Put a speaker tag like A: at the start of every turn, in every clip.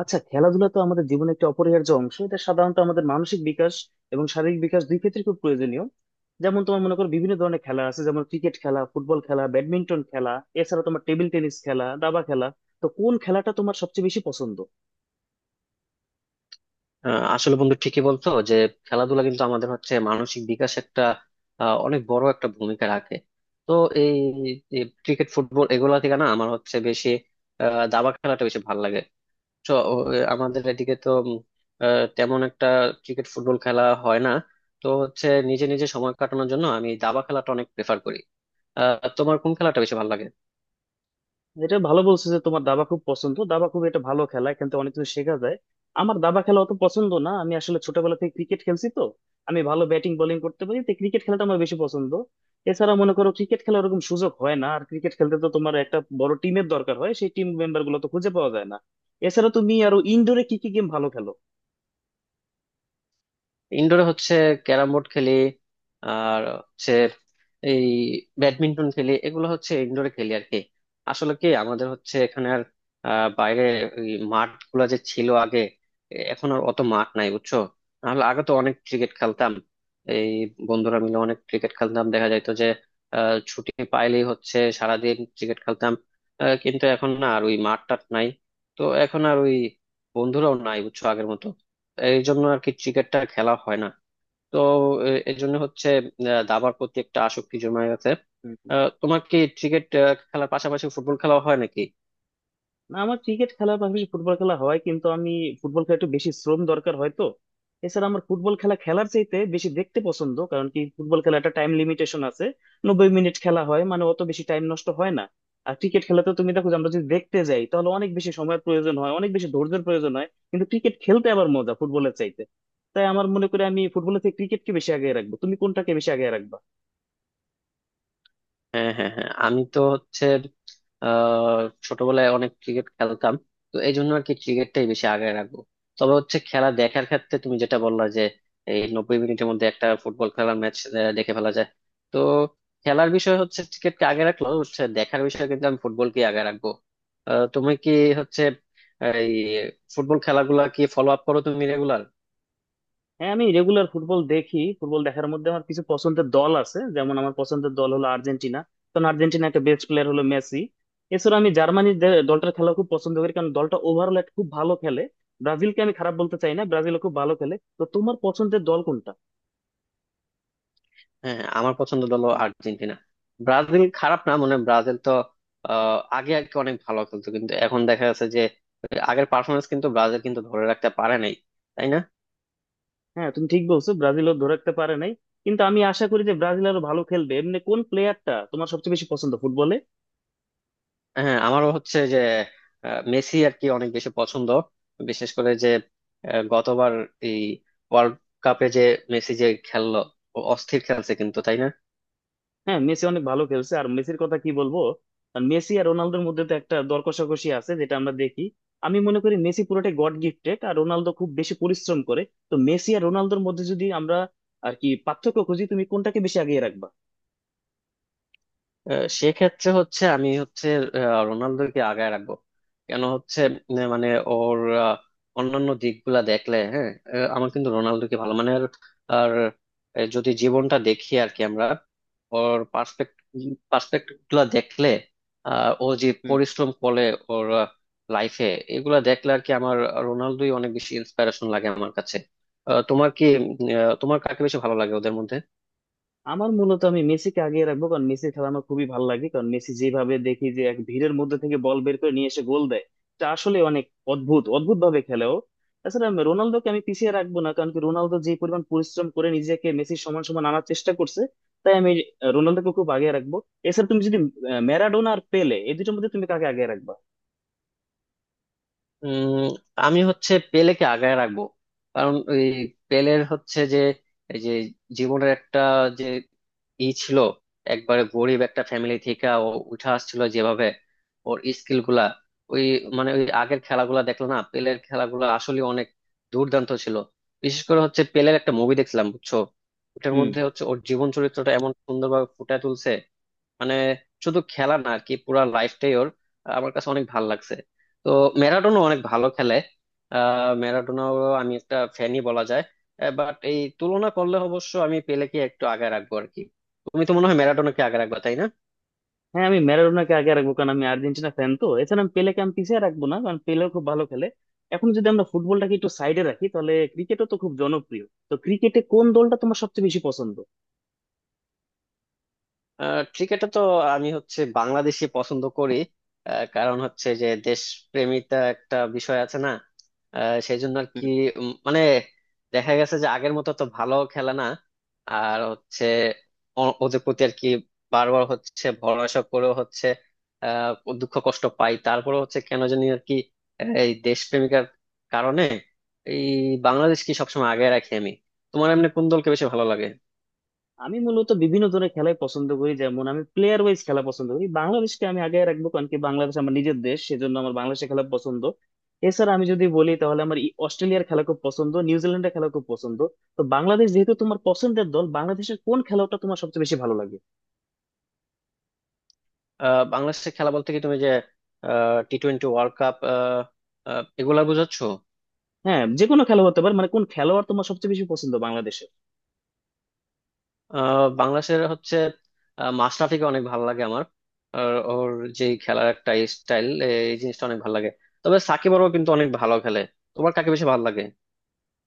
A: আচ্ছা, খেলাধুলা তো আমাদের জীবনে একটা অপরিহার্য অংশ। এটা সাধারণত আমাদের মানসিক বিকাশ এবং শারীরিক বিকাশ দুই ক্ষেত্রে খুব প্রয়োজনীয়। যেমন তোমার মনে করো বিভিন্ন ধরনের খেলা আছে, যেমন ক্রিকেট খেলা, ফুটবল খেলা, ব্যাডমিন্টন খেলা, এছাড়া তোমার টেবিল টেনিস খেলা, দাবা খেলা। তো কোন খেলাটা তোমার সবচেয়ে বেশি পছন্দ?
B: আসলে বন্ধু ঠিকই বলছো যে খেলাধুলা কিন্তু আমাদের হচ্ছে মানসিক বিকাশ একটা অনেক বড় একটা ভূমিকা রাখে। তো এই এই ক্রিকেট ফুটবল এগুলা থেকে না আমার হচ্ছে বেশি দাবা খেলাটা বেশি ভালো লাগে। তো আমাদের এদিকে তো তেমন একটা ক্রিকেট ফুটবল খেলা হয় না। তো হচ্ছে নিজে নিজে সময় কাটানোর জন্য আমি দাবা খেলাটা অনেক প্রেফার করি। আহ তোমার কোন খেলাটা বেশি ভালো লাগে?
A: এটা ভালো বলছো যে তোমার দাবা খুব পছন্দ। দাবা খুব এটা ভালো খেলা, এখান থেকে অনেক কিছু শেখা যায়। আমার দাবা খেলা অত পছন্দ না, আমি আসলে ছোটবেলা থেকে ক্রিকেট খেলছি, তো আমি ভালো ব্যাটিং বোলিং করতে পারি, তো ক্রিকেট খেলাটা আমার বেশি পছন্দ। এছাড়া মনে করো ক্রিকেট খেলা ওরকম সুযোগ হয় না, আর ক্রিকেট খেলতে তো তোমার একটা বড় টিমের দরকার হয়, সেই টিম মেম্বার গুলো তো খুঁজে পাওয়া যায় না। এছাড়া তুমি আরো ইনডোরে কি কি গেম ভালো খেলো?
B: ইনডোরে হচ্ছে ক্যারাম বোর্ড খেলি, আর হচ্ছে এই ব্যাডমিন্টন খেলি, এগুলো হচ্ছে ইনডোরে খেলি আর কি। আসলে কি আমাদের হচ্ছে এখানে আর বাইরে ওই মাঠ গুলা যে ছিল আগে এখন আর অত মাঠ নাই বুঝছো। নাহলে আগে তো অনেক ক্রিকেট খেলতাম, এই বন্ধুরা মিলে অনেক ক্রিকেট খেলতাম, দেখা যাইতো যে ছুটি পাইলেই হচ্ছে সারাদিন ক্রিকেট খেলতাম। কিন্তু এখন না আর ওই মাঠ টাট নাই। তো এখন আর ওই বন্ধুরাও নাই বুঝছো আগের মতো। এই জন্য আর কি ক্রিকেটটা খেলা হয় না। তো এই জন্য হচ্ছে দাবার প্রতি একটা আসক্তি জমে গেছে। আহ, তোমার কি ক্রিকেট খেলার পাশাপাশি ফুটবল খেলা হয় নাকি?
A: না, আমার ক্রিকেট খেলার পাশাপাশি ফুটবল খেলা হয়, কিন্তু আমি ফুটবল খেলা একটু বেশি শ্রম দরকার হয়, তো এছাড়া আমার ফুটবল খেলা খেলার চাইতে বেশি দেখতে পছন্দ। কারণ কি, ফুটবল খেলা একটা টাইম লিমিটেশন আছে, 90 মিনিট খেলা হয়, মানে অত বেশি টাইম নষ্ট হয় না। আর ক্রিকেট খেলাতে তুমি দেখো যে, আমরা যদি দেখতে যাই তাহলে অনেক বেশি সময়ের প্রয়োজন হয়, অনেক বেশি ধৈর্যের প্রয়োজন হয়, কিন্তু ক্রিকেট খেলতে আবার মজা ফুটবলের চাইতে। তাই আমার মনে করি আমি ফুটবলের থেকে ক্রিকেটকে বেশি আগে রাখবো। তুমি কোনটাকে বেশি আগে রাখবে?
B: হ্যাঁ হ্যাঁ হ্যাঁ, আমি তো হচ্ছে আহ ছোটবেলায় অনেক ক্রিকেট খেলতাম। তো এই জন্য আর কি ক্রিকেটটাই বেশি আগে রাখবো। তবে হচ্ছে খেলা দেখার ক্ষেত্রে তুমি যেটা বললা যে এই 90 মিনিটের মধ্যে একটা ফুটবল খেলার ম্যাচ দেখে ফেলা যায়। তো খেলার বিষয় হচ্ছে ক্রিকেটকে আগে রাখলো, হচ্ছে দেখার বিষয় কিন্তু আমি ফুটবলকে আগে রাখবো। আহ তুমি কি হচ্ছে এই ফুটবল খেলাগুলা কি ফলো আপ করো তুমি রেগুলার?
A: হ্যাঁ, আমি রেগুলার ফুটবল দেখি। ফুটবল দেখার মধ্যে আমার কিছু পছন্দের দল আছে, যেমন আমার পছন্দের দল হলো আর্জেন্টিনা, কারণ আর্জেন্টিনার একটা বেস্ট প্লেয়ার হলো মেসি। এছাড়া আমি জার্মানির দলটার খেলা খুব পছন্দ করি, কারণ দলটা ওভারঅল খুব ভালো খেলে। ব্রাজিলকে আমি খারাপ বলতে চাই না, ব্রাজিলও খুব ভালো খেলে। তো তোমার পছন্দের দল কোনটা?
B: হ্যাঁ, আমার পছন্দ দল আর্জেন্টিনা। ব্রাজিল খারাপ না, মানে ব্রাজিল তো আগে আগে অনেক ভালো খেলতো কিন্তু এখন দেখা যাচ্ছে যে আগের পারফরমেন্স কিন্তু ব্রাজিল কিন্তু ধরে রাখতে পারে নাই, তাই না?
A: হ্যাঁ, তুমি ঠিক বলছো, ব্রাজিলও ধরে রাখতে পারে নাই। কিন্তু আমি আশা করি যে ব্রাজিল আরো ভালো খেলবে। এমনি কোন প্লেয়ারটা তোমার সবচেয়ে বেশি পছন্দ ফুটবলে?
B: হ্যাঁ আমারও হচ্ছে যে মেসি আর কি অনেক বেশি পছন্দ। বিশেষ করে যে গতবার এই ওয়ার্ল্ড কাপে যে মেসি যে খেললো, ও অস্থির খেলছে কিন্তু, তাই না?
A: হ্যাঁ, মেসি অনেক ভালো খেলছে, আর মেসির কথা কি বলবো। আর মেসি আর রোনালদোর মধ্যে তো একটা দর কষাকষি আছে, যেটা আমরা দেখি। আমি মনে করি মেসি পুরোটাই গড গিফটেড, আর রোনালদো খুব বেশি পরিশ্রম করে। তো মেসি আর রোনালদোর মধ্যে যদি আমরা আর কি পার্থক্য খুঁজি, তুমি কোনটাকে বেশি আগিয়ে রাখবা?
B: সেক্ষেত্রে হচ্ছে আমি হচ্ছে রোনালদোকে আগায় রাখবো। কেন হচ্ছে মানে ওর অন্যান্য দিকগুলা দেখলে, হ্যাঁ আমার কিন্তু রোনালদোকে ভালো মানে আর আর, যদি জীবনটা দেখি আর কি আমরা, ওর পার্সপেক্টিভ গুলা দেখলে ও যে পরিশ্রম করে ওর লাইফে এগুলা দেখলে আর কি আমার রোনালদোই অনেক বেশি ইন্সপিরেশন লাগে আমার কাছে। আহ, তোমার কি তোমার কাকে বেশি ভালো লাগে ওদের মধ্যে?
A: আমার মূলত আমি মেসিকে আগিয়ে রাখবো, কারণ মেসির খেলা আমার খুবই ভালো লাগে। কারণ মেসি যেভাবে দেখি যে এক ভিড়ের মধ্যে থেকে বল বের করে নিয়ে এসে গোল দেয়, এটা আসলে অনেক অদ্ভুত অদ্ভুত ভাবে খেলে ও। তাছাড়া রোনালদোকে আমি পিছিয়ে রাখবো না, কারণ কি রোনালদো যে পরিমাণ পরিশ্রম করে নিজেকে মেসির সমান সমান আনার চেষ্টা করছে, তাই আমি রোনালদোকে খুব আগে রাখবো। এছাড়া তুমি যদি ম্যারাডোনা আর পেলে এই দুটোর মধ্যে তুমি কাকে আগে রাখবা?
B: উম আমি হচ্ছে পেলেকে আগায় রাখবো। কারণ ওই পেলের হচ্ছে যে এই যে জীবনের একটা যে ই ছিল, একবারে গরিব একটা ফ্যামিলি থেকে ও উঠে আসছিল যেভাবে, ওর স্কিল গুলা ওই মানে ওই আগের খেলাগুলা দেখলো না, পেলের খেলাগুলা আসলে অনেক দুর্দান্ত ছিল। বিশেষ করে হচ্ছে পেলের একটা মুভি দেখছিলাম বুঝছো, ওটার
A: হুম।
B: মধ্যে হচ্ছে ওর জীবন চরিত্রটা এমন সুন্দরভাবে ফুটিয়ে তুলছে। মানে শুধু খেলা না আর কি পুরা লাইফটাই ওর আমার কাছে অনেক ভালো লাগছে। তো ম্যারাডোনা অনেক ভালো খেলে, আহ ম্যারাডোনাও আমি একটা ফ্যানই বলা যায়। বাট এই তুলনা করলে অবশ্য আমি পেলেকে একটু আগে রাখবো আর কি। তুমি তো মনে হয় ম্যারাডোনাকে আগে রাখবা, তাই না?
A: হ্যাঁ, আমি ম্যারাডোনাকে আগে রাখবো, কারণ আমি আর্জেন্টিনা ফ্যান, তো এছাড়া আমি পেলেকে আমি পিছিয়ে রাখবো না, কারণ পেলেও খুব ভালো খেলে। এখন যদি আমরা ফুটবলটাকে একটু সাইডে রাখি, তাহলে ক্রিকেটও তো খুব জনপ্রিয়। তো ক্রিকেটে কোন দলটা তোমার সবচেয়ে বেশি পছন্দ?
B: ক্রিকেটে তো আমি হচ্ছে বাংলাদেশি পছন্দ করি। কারণ হচ্ছে যে দেশপ্রেমিতা একটা বিষয় আছে না, সেই জন্য আর কি।
A: হুম।
B: মানে দেখা গেছে যে আগের মতো তো ভালো খেলে না। আর হচ্ছে ওদের প্রতি আর কি বারবার হচ্ছে ভরসা করেও হচ্ছে আহ দুঃখ কষ্ট পাই, তারপরে হচ্ছে কেন জানি আর কি এই দেশপ্রেমিকার কারণে এই বাংলাদেশকে সবসময় আগে রাখি আমি। তোমার এমনি কোন দলকে বেশি ভালো লাগে?
A: আমি মূলত বিভিন্ন ধরনের খেলাই পছন্দ করি, যেমন আমি প্লেয়ার ওয়াইজ খেলা পছন্দ করি। বাংলাদেশকে আমি আগে রাখবো, কারণ কি বাংলাদেশ আমার নিজের দেশ, সেজন্য আমার বাংলাদেশে খেলা পছন্দ। এছাড়া আমি যদি বলি, তাহলে আমার অস্ট্রেলিয়ার খেলা খুব পছন্দ, নিউজিল্যান্ডের খেলা খুব পছন্দ। তো বাংলাদেশ যেহেতু তোমার পছন্দের দল, বাংলাদেশের কোন খেলাটা তোমার সবচেয়ে বেশি ভালো লাগে?
B: আহ বাংলাদেশে খেলা বলতে কি তুমি যে টি-টোয়েন্টি ওয়ার্ল্ড কাপ এগুলা বুঝাচ্ছ?
A: হ্যাঁ, যে কোনো খেলা হতে পারে, মানে কোন খেলোয়াড় তোমার সবচেয়ে বেশি পছন্দ বাংলাদেশের?
B: বাংলাদেশের হচ্ছে মাশরাফিকে অনেক ভালো লাগে আমার। আর ওর যে খেলার একটা স্টাইল, এই জিনিসটা অনেক ভালো লাগে। তবে সাকিব আরও কিন্তু অনেক ভালো খেলে। তোমার কাকে বেশি ভালো লাগে?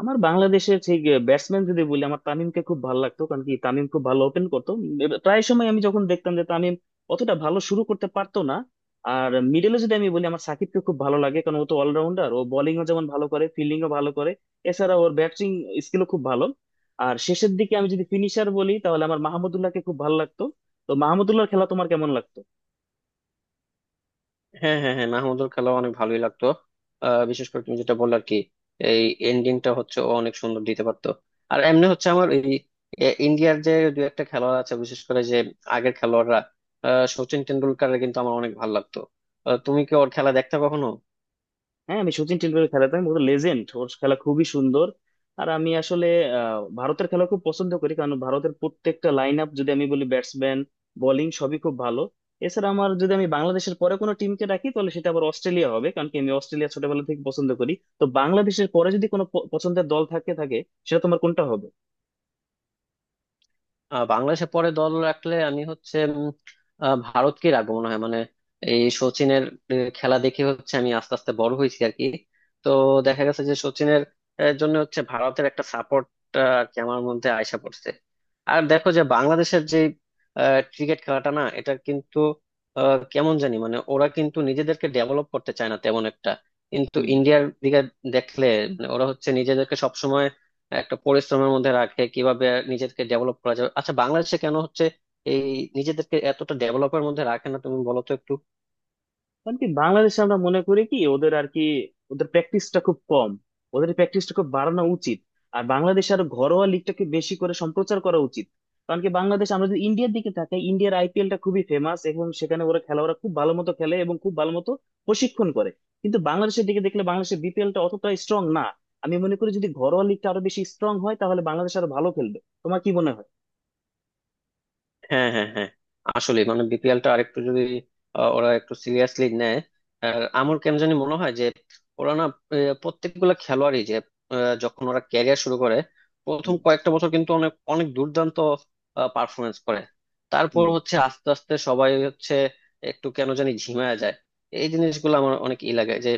A: আমার বাংলাদেশের সেই ব্যাটসম্যান যদি বলি, আমার তামিমকে খুব ভালো লাগতো, কারণ কি তামিম খুব ভালো ওপেন করতো। প্রায় সময় আমি যখন দেখতাম যে তামিম অতটা ভালো শুরু করতে পারতো না। আর মিডলে যদি আমি বলি, আমার সাকিবকে খুব ভালো লাগে, কারণ ও তো অলরাউন্ডার, ও বোলিংও যেমন ভালো করে, ফিল্ডিংও ভালো করে, এছাড়া ওর ব্যাটিং স্কিলও খুব ভালো। আর শেষের দিকে আমি যদি ফিনিশার বলি, তাহলে আমার মাহমুদুল্লাহকে খুব ভালো লাগতো। তো মাহমুদুল্লাহর খেলা তোমার কেমন লাগতো?
B: হ্যাঁ হ্যাঁ হ্যাঁ, মাহমুদুর খেলা অনেক ভালোই লাগতো। বিশেষ করে তুমি যেটা বললে আর কি এই এন্ডিংটা হচ্ছে ও অনেক সুন্দর দিতে পারতো। আর এমনি হচ্ছে আমার এই এ, ইন্ডিয়ার যে দু একটা খেলোয়াড় আছে, বিশেষ করে যে আগের খেলোয়াড়রা, সচিন টেন্ডুলকারের কিন্তু আমার অনেক ভালো লাগতো। আহ, তুমি কি ওর খেলা দেখতে কখনো?
A: হ্যাঁ, আমি সচিন টেন্ডুলকারের খেলা, তো আমি বলতে লেজেন্ড, ওর খেলা খুবই সুন্দর। আর আমি আসলে ভারতের খেলা খুব পছন্দ করি, কারণ ভারতের প্রত্যেকটা লাইন আপ যদি আমি বলি, ব্যাটসম্যান বোলিং সবই খুব ভালো। এছাড়া আমার যদি আমি বাংলাদেশের পরে কোনো টিমকে রাখি, তাহলে সেটা আবার অস্ট্রেলিয়া হবে, কারণ কি আমি অস্ট্রেলিয়া ছোটবেলা থেকে পছন্দ করি। তো বাংলাদেশের পরে যদি কোনো পছন্দের দল থাকে থাকে সেটা তোমার কোনটা হবে?
B: আহ বাংলাদেশে পরে দল রাখলে আমি হচ্ছে ভারতকে রাখবো মনে হয়। মানে এই সচিনের খেলা দেখে হচ্ছে আমি আস্তে আস্তে বড় হয়েছি আর কি। তো দেখা গেছে যে সচিনের জন্য হচ্ছে ভারতের একটা সাপোর্ট আর কি আমার মধ্যে আইসা পড়ছে। আর দেখো যে বাংলাদেশের যে ক্রিকেট খেলাটা না এটা কিন্তু কেমন জানি, মানে ওরা কিন্তু নিজেদেরকে ডেভেলপ করতে চায় না তেমন একটা। কিন্তু
A: হুম।
B: ইন্ডিয়ার দিকে দেখলে মানে ওরা হচ্ছে নিজেদেরকে সবসময় একটা পরিশ্রমের মধ্যে রাখে কিভাবে নিজেকে ডেভেলপ করা যাবে। আচ্ছা বাংলাদেশে কেন হচ্ছে এই নিজেদেরকে এতটা ডেভেলপের মধ্যে রাখে না তুমি বলো তো একটু?
A: কারণ কি বাংলাদেশে আমরা মনে করি কি ওদের আর কি, ওদের প্র্যাকটিসটা খুব কম ওদের প্র্যাকটিসটা খুব বাড়ানো উচিত। আর বাংলাদেশ আর ঘরোয়া লিগটাকে বেশি করে সম্প্রচার করা উচিত। কারণ কি বাংলাদেশ, আমরা যদি ইন্ডিয়ার দিকে তাকাই, ইন্ডিয়ার আইপিএলটা খুবই ফেমাস, এবং সেখানে ওরা খেলোয়াড়রা খুব ভালো মতো খেলে এবং খুব ভালো মতো প্রশিক্ষণ করে। কিন্তু বাংলাদেশের দিকে দেখলে, বাংলাদেশের বিপিএলটা অতটা স্ট্রং না। আমি মনে করি যদি ঘরোয়া লিগটা আরো বেশি স্ট্রং হয়, তাহলে বাংলাদেশ আরো ভালো খেলবে। তোমার কি মনে হয়?
B: হ্যাঁ হ্যাঁ হ্যাঁ, আসলে মানে বিপিএল টা আরেকটু যদি ওরা একটু সিরিয়াসলি নেয়। আর আমার কেন জানি মনে হয় যে ওরা না প্রত্যেকগুলা খেলোয়াড়ই যে যখন ওরা ক্যারিয়ার শুরু করে, প্রথম
A: হুম।
B: কয়েকটা বছর কিন্তু অনেক অনেক দুর্দান্ত পারফরমেন্স করে। তারপর
A: হুম।
B: হচ্ছে আস্তে আস্তে সবাই হচ্ছে একটু কেন জানি ঝিমায় যায়। এই জিনিসগুলো আমার অনেক ই লাগে যে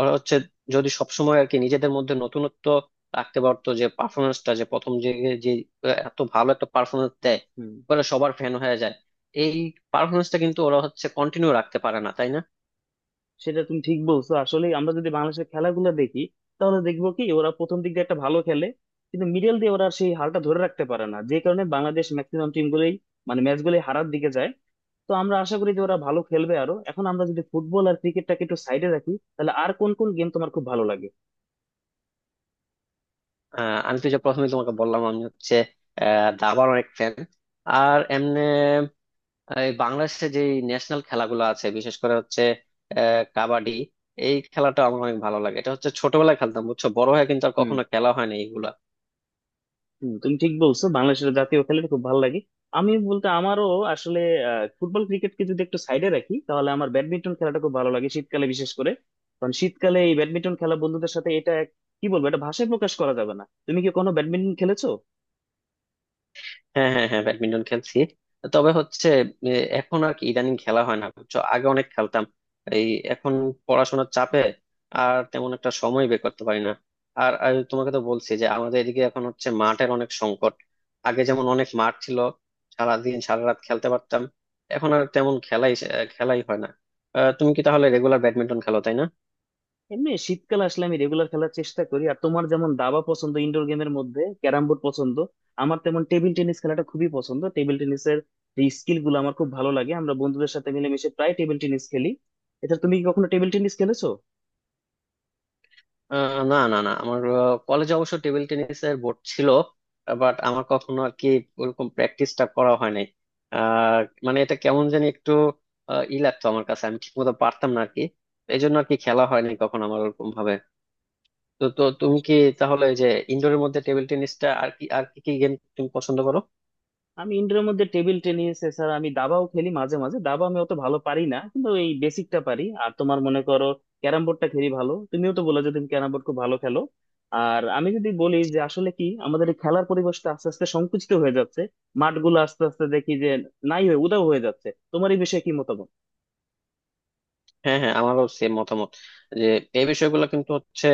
B: ওরা হচ্ছে যদি সবসময় আর কি নিজেদের মধ্যে নতুনত্ব রাখতে পারতো, যে পারফরমেন্সটা যে প্রথম যে যে এত ভালো একটা পারফরমেন্স
A: হুম।
B: ওরা সবার ফ্যান হয়ে যায়, এই পারফরমেন্সটা কিন্তু ওরা হচ্ছে কন্টিনিউ রাখতে পারে না, তাই না?
A: সেটা তুমি ঠিক বলছো। আসলে আমরা যদি বাংলাদেশের খেলাগুলো দেখি, তাহলে দেখবো কি ওরা প্রথম দিক দিয়ে একটা ভালো খেলে, কিন্তু মিডল দিয়ে ওরা আর সেই হালটা ধরে রাখতে পারে না, যে কারণে বাংলাদেশ ম্যাক্সিমাম টিম গুলোই, মানে ম্যাচ গুলোই হারার দিকে যায়। তো আমরা আশা করি যে ওরা ভালো খেলবে আরো। এখন আমরা যদি ফুটবল আর ক্রিকেটটাকে একটু সাইডে রাখি, তাহলে আর কোন কোন গেম তোমার খুব ভালো লাগে?
B: আমি তো যে প্রথমে তোমাকে বললাম আমি হচ্ছে দাবার অনেক ফ্যান। আর এমনি এই বাংলাদেশে যে ন্যাশনাল খেলাগুলো আছে, বিশেষ করে হচ্ছে কাবাডি, এই খেলাটা আমার অনেক ভালো লাগে। এটা হচ্ছে ছোটবেলায় খেলতাম বুঝছো, বড় হয়ে কিন্তু আর
A: হুম।
B: কখনো খেলা হয়নি এইগুলা।
A: হুম, তুমি ঠিক বলছো, বাংলাদেশের জাতীয় খেলাটা খুব ভালো লাগে। আমি বলতে আমারও আসলে ফুটবল ক্রিকেটকে যদি একটু সাইডে রাখি, তাহলে আমার ব্যাডমিন্টন খেলাটা খুব ভালো লাগে, শীতকালে বিশেষ করে। কারণ শীতকালে এই ব্যাডমিন্টন খেলা বন্ধুদের সাথে, এটা কি বলবো, এটা ভাষায় প্রকাশ করা যাবে না। তুমি কি কোনো ব্যাডমিন্টন খেলেছো?
B: হ্যাঁ হ্যাঁ হ্যাঁ, ব্যাডমিন্টন খেলছি। তবে হচ্ছে এ, এখন আর কি ইদানিং খেলা হয় না বুঝছো, আগে অনেক খেলতাম। এই এখন পড়াশোনার চাপে আর তেমন একটা সময় বের করতে পারি না। আর আর তোমাকে তো বলছি যে আমাদের এদিকে এখন হচ্ছে মাঠের অনেক সংকট। আগে যেমন অনেক মাঠ ছিল, সারাদিন সারা রাত খেলতে পারতাম। এখন আর তেমন খেলাই হয় না। আহ, তুমি কি তাহলে রেগুলার ব্যাডমিন্টন খেলো, তাই না?
A: এমনি শীতকালে আসলে আমি রেগুলার খেলার চেষ্টা করি। আর তোমার যেমন দাবা পছন্দ, ইনডোর গেমের মধ্যে ক্যারাম বোর্ড পছন্দ, আমার তেমন টেবিল টেনিস খেলাটা খুবই পছন্দ। টেবিল টেনিসের যে স্কিল গুলো আমার খুব ভালো লাগে, আমরা বন্ধুদের সাথে মিলেমিশে প্রায় টেবিল টেনিস খেলি। এটা তুমি কি কখনো টেবিল টেনিস খেলেছো?
B: না না না, আমার কলেজে অবশ্য টেবিল টেনিসের বোর্ড ছিল। বাট আমার কখনো আর কি ওরকম প্র্যাকটিসটা করা হয় নাই। আহ, মানে এটা কেমন জানি একটু ই লাগতো আমার কাছে, আমি ঠিক মতো পারতাম না আর কি। এই জন্য আর কি খেলা হয়নি কখনো আমার ওরকম ভাবে। তো তো তুমি কি তাহলে এই যে ইনডোরের মধ্যে টেবিল টেনিসটা আর কি আর কি কি গেম তুমি পছন্দ করো?
A: আমি ইনডোরের মধ্যে টেবিল টেনিস, এছাড়া আমি দাবাও খেলি মাঝে মাঝে। দাবা আমি অত ভালো পারি না, কিন্তু এই বেসিকটা পারি। আর তোমার মনে করো ক্যারাম বোর্ডটা খেলি ভালো, তুমিও তো বলে যে তুমি ক্যারাম বোর্ড খুব ভালো খেলো। আর আমি যদি বলি যে আসলে কি আমাদের এই খেলার পরিবেশটা আস্তে আস্তে সংকুচিত হয়ে যাচ্ছে, মাঠগুলো আস্তে আস্তে দেখি যে নাই হয়ে উধাও হয়ে যাচ্ছে। তোমার এই বিষয়ে কি মতামত?
B: হ্যাঁ হ্যাঁ, আমারও সেম মতামত যে এই বিষয়গুলো কিন্তু হচ্ছে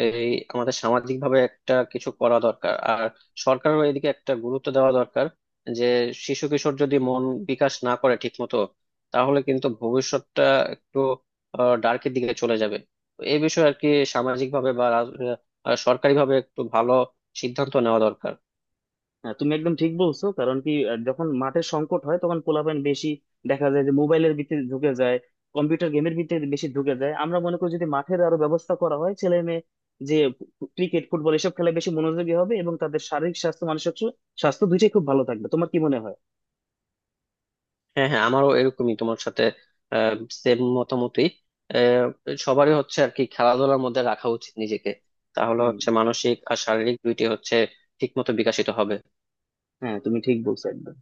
B: এই আমাদের সামাজিক ভাবে একটা কিছু করা দরকার। আর সরকারের এদিকে একটা গুরুত্ব দেওয়া দরকার যে শিশু কিশোর যদি মন বিকাশ না করে ঠিক মতো, তাহলে কিন্তু ভবিষ্যৎটা একটু ডার্কের দিকে চলে যাবে। তো এই বিষয়ে আর কি সামাজিক ভাবে বা সরকারি ভাবে একটু ভালো সিদ্ধান্ত নেওয়া দরকার।
A: হ্যাঁ, তুমি একদম ঠিক বলছো। কারণ কি, যখন মাঠের সংকট হয় তখন পোলাপাইন বেশি দেখা যায় যে মোবাইলের ভিতরে ঢুকে যায়, কম্পিউটার গেমের ভিতরে বেশি ঢুকে যায়। আমরা মনে করি যদি মাঠের আরো ব্যবস্থা করা হয়, ছেলে মেয়ে যে ক্রিকেট ফুটবল এসব খেলায় বেশি মনোযোগী হবে, এবং তাদের শারীরিক স্বাস্থ্য মানসিক স্বাস্থ্য দুইটাই খুব ভালো থাকবে। তোমার কি মনে হয়?
B: হ্যাঁ হ্যাঁ, আমারও এরকমই, তোমার সাথে সেম মতামতই। আহ, সবারই হচ্ছে আর কি খেলাধুলার মধ্যে রাখা উচিত নিজেকে, তাহলে
A: হুম।
B: হচ্ছে মানসিক আর শারীরিক দুইটি হচ্ছে ঠিক মতো বিকশিত হবে।
A: হ্যাঁ, তুমি ঠিক বলছো একদম।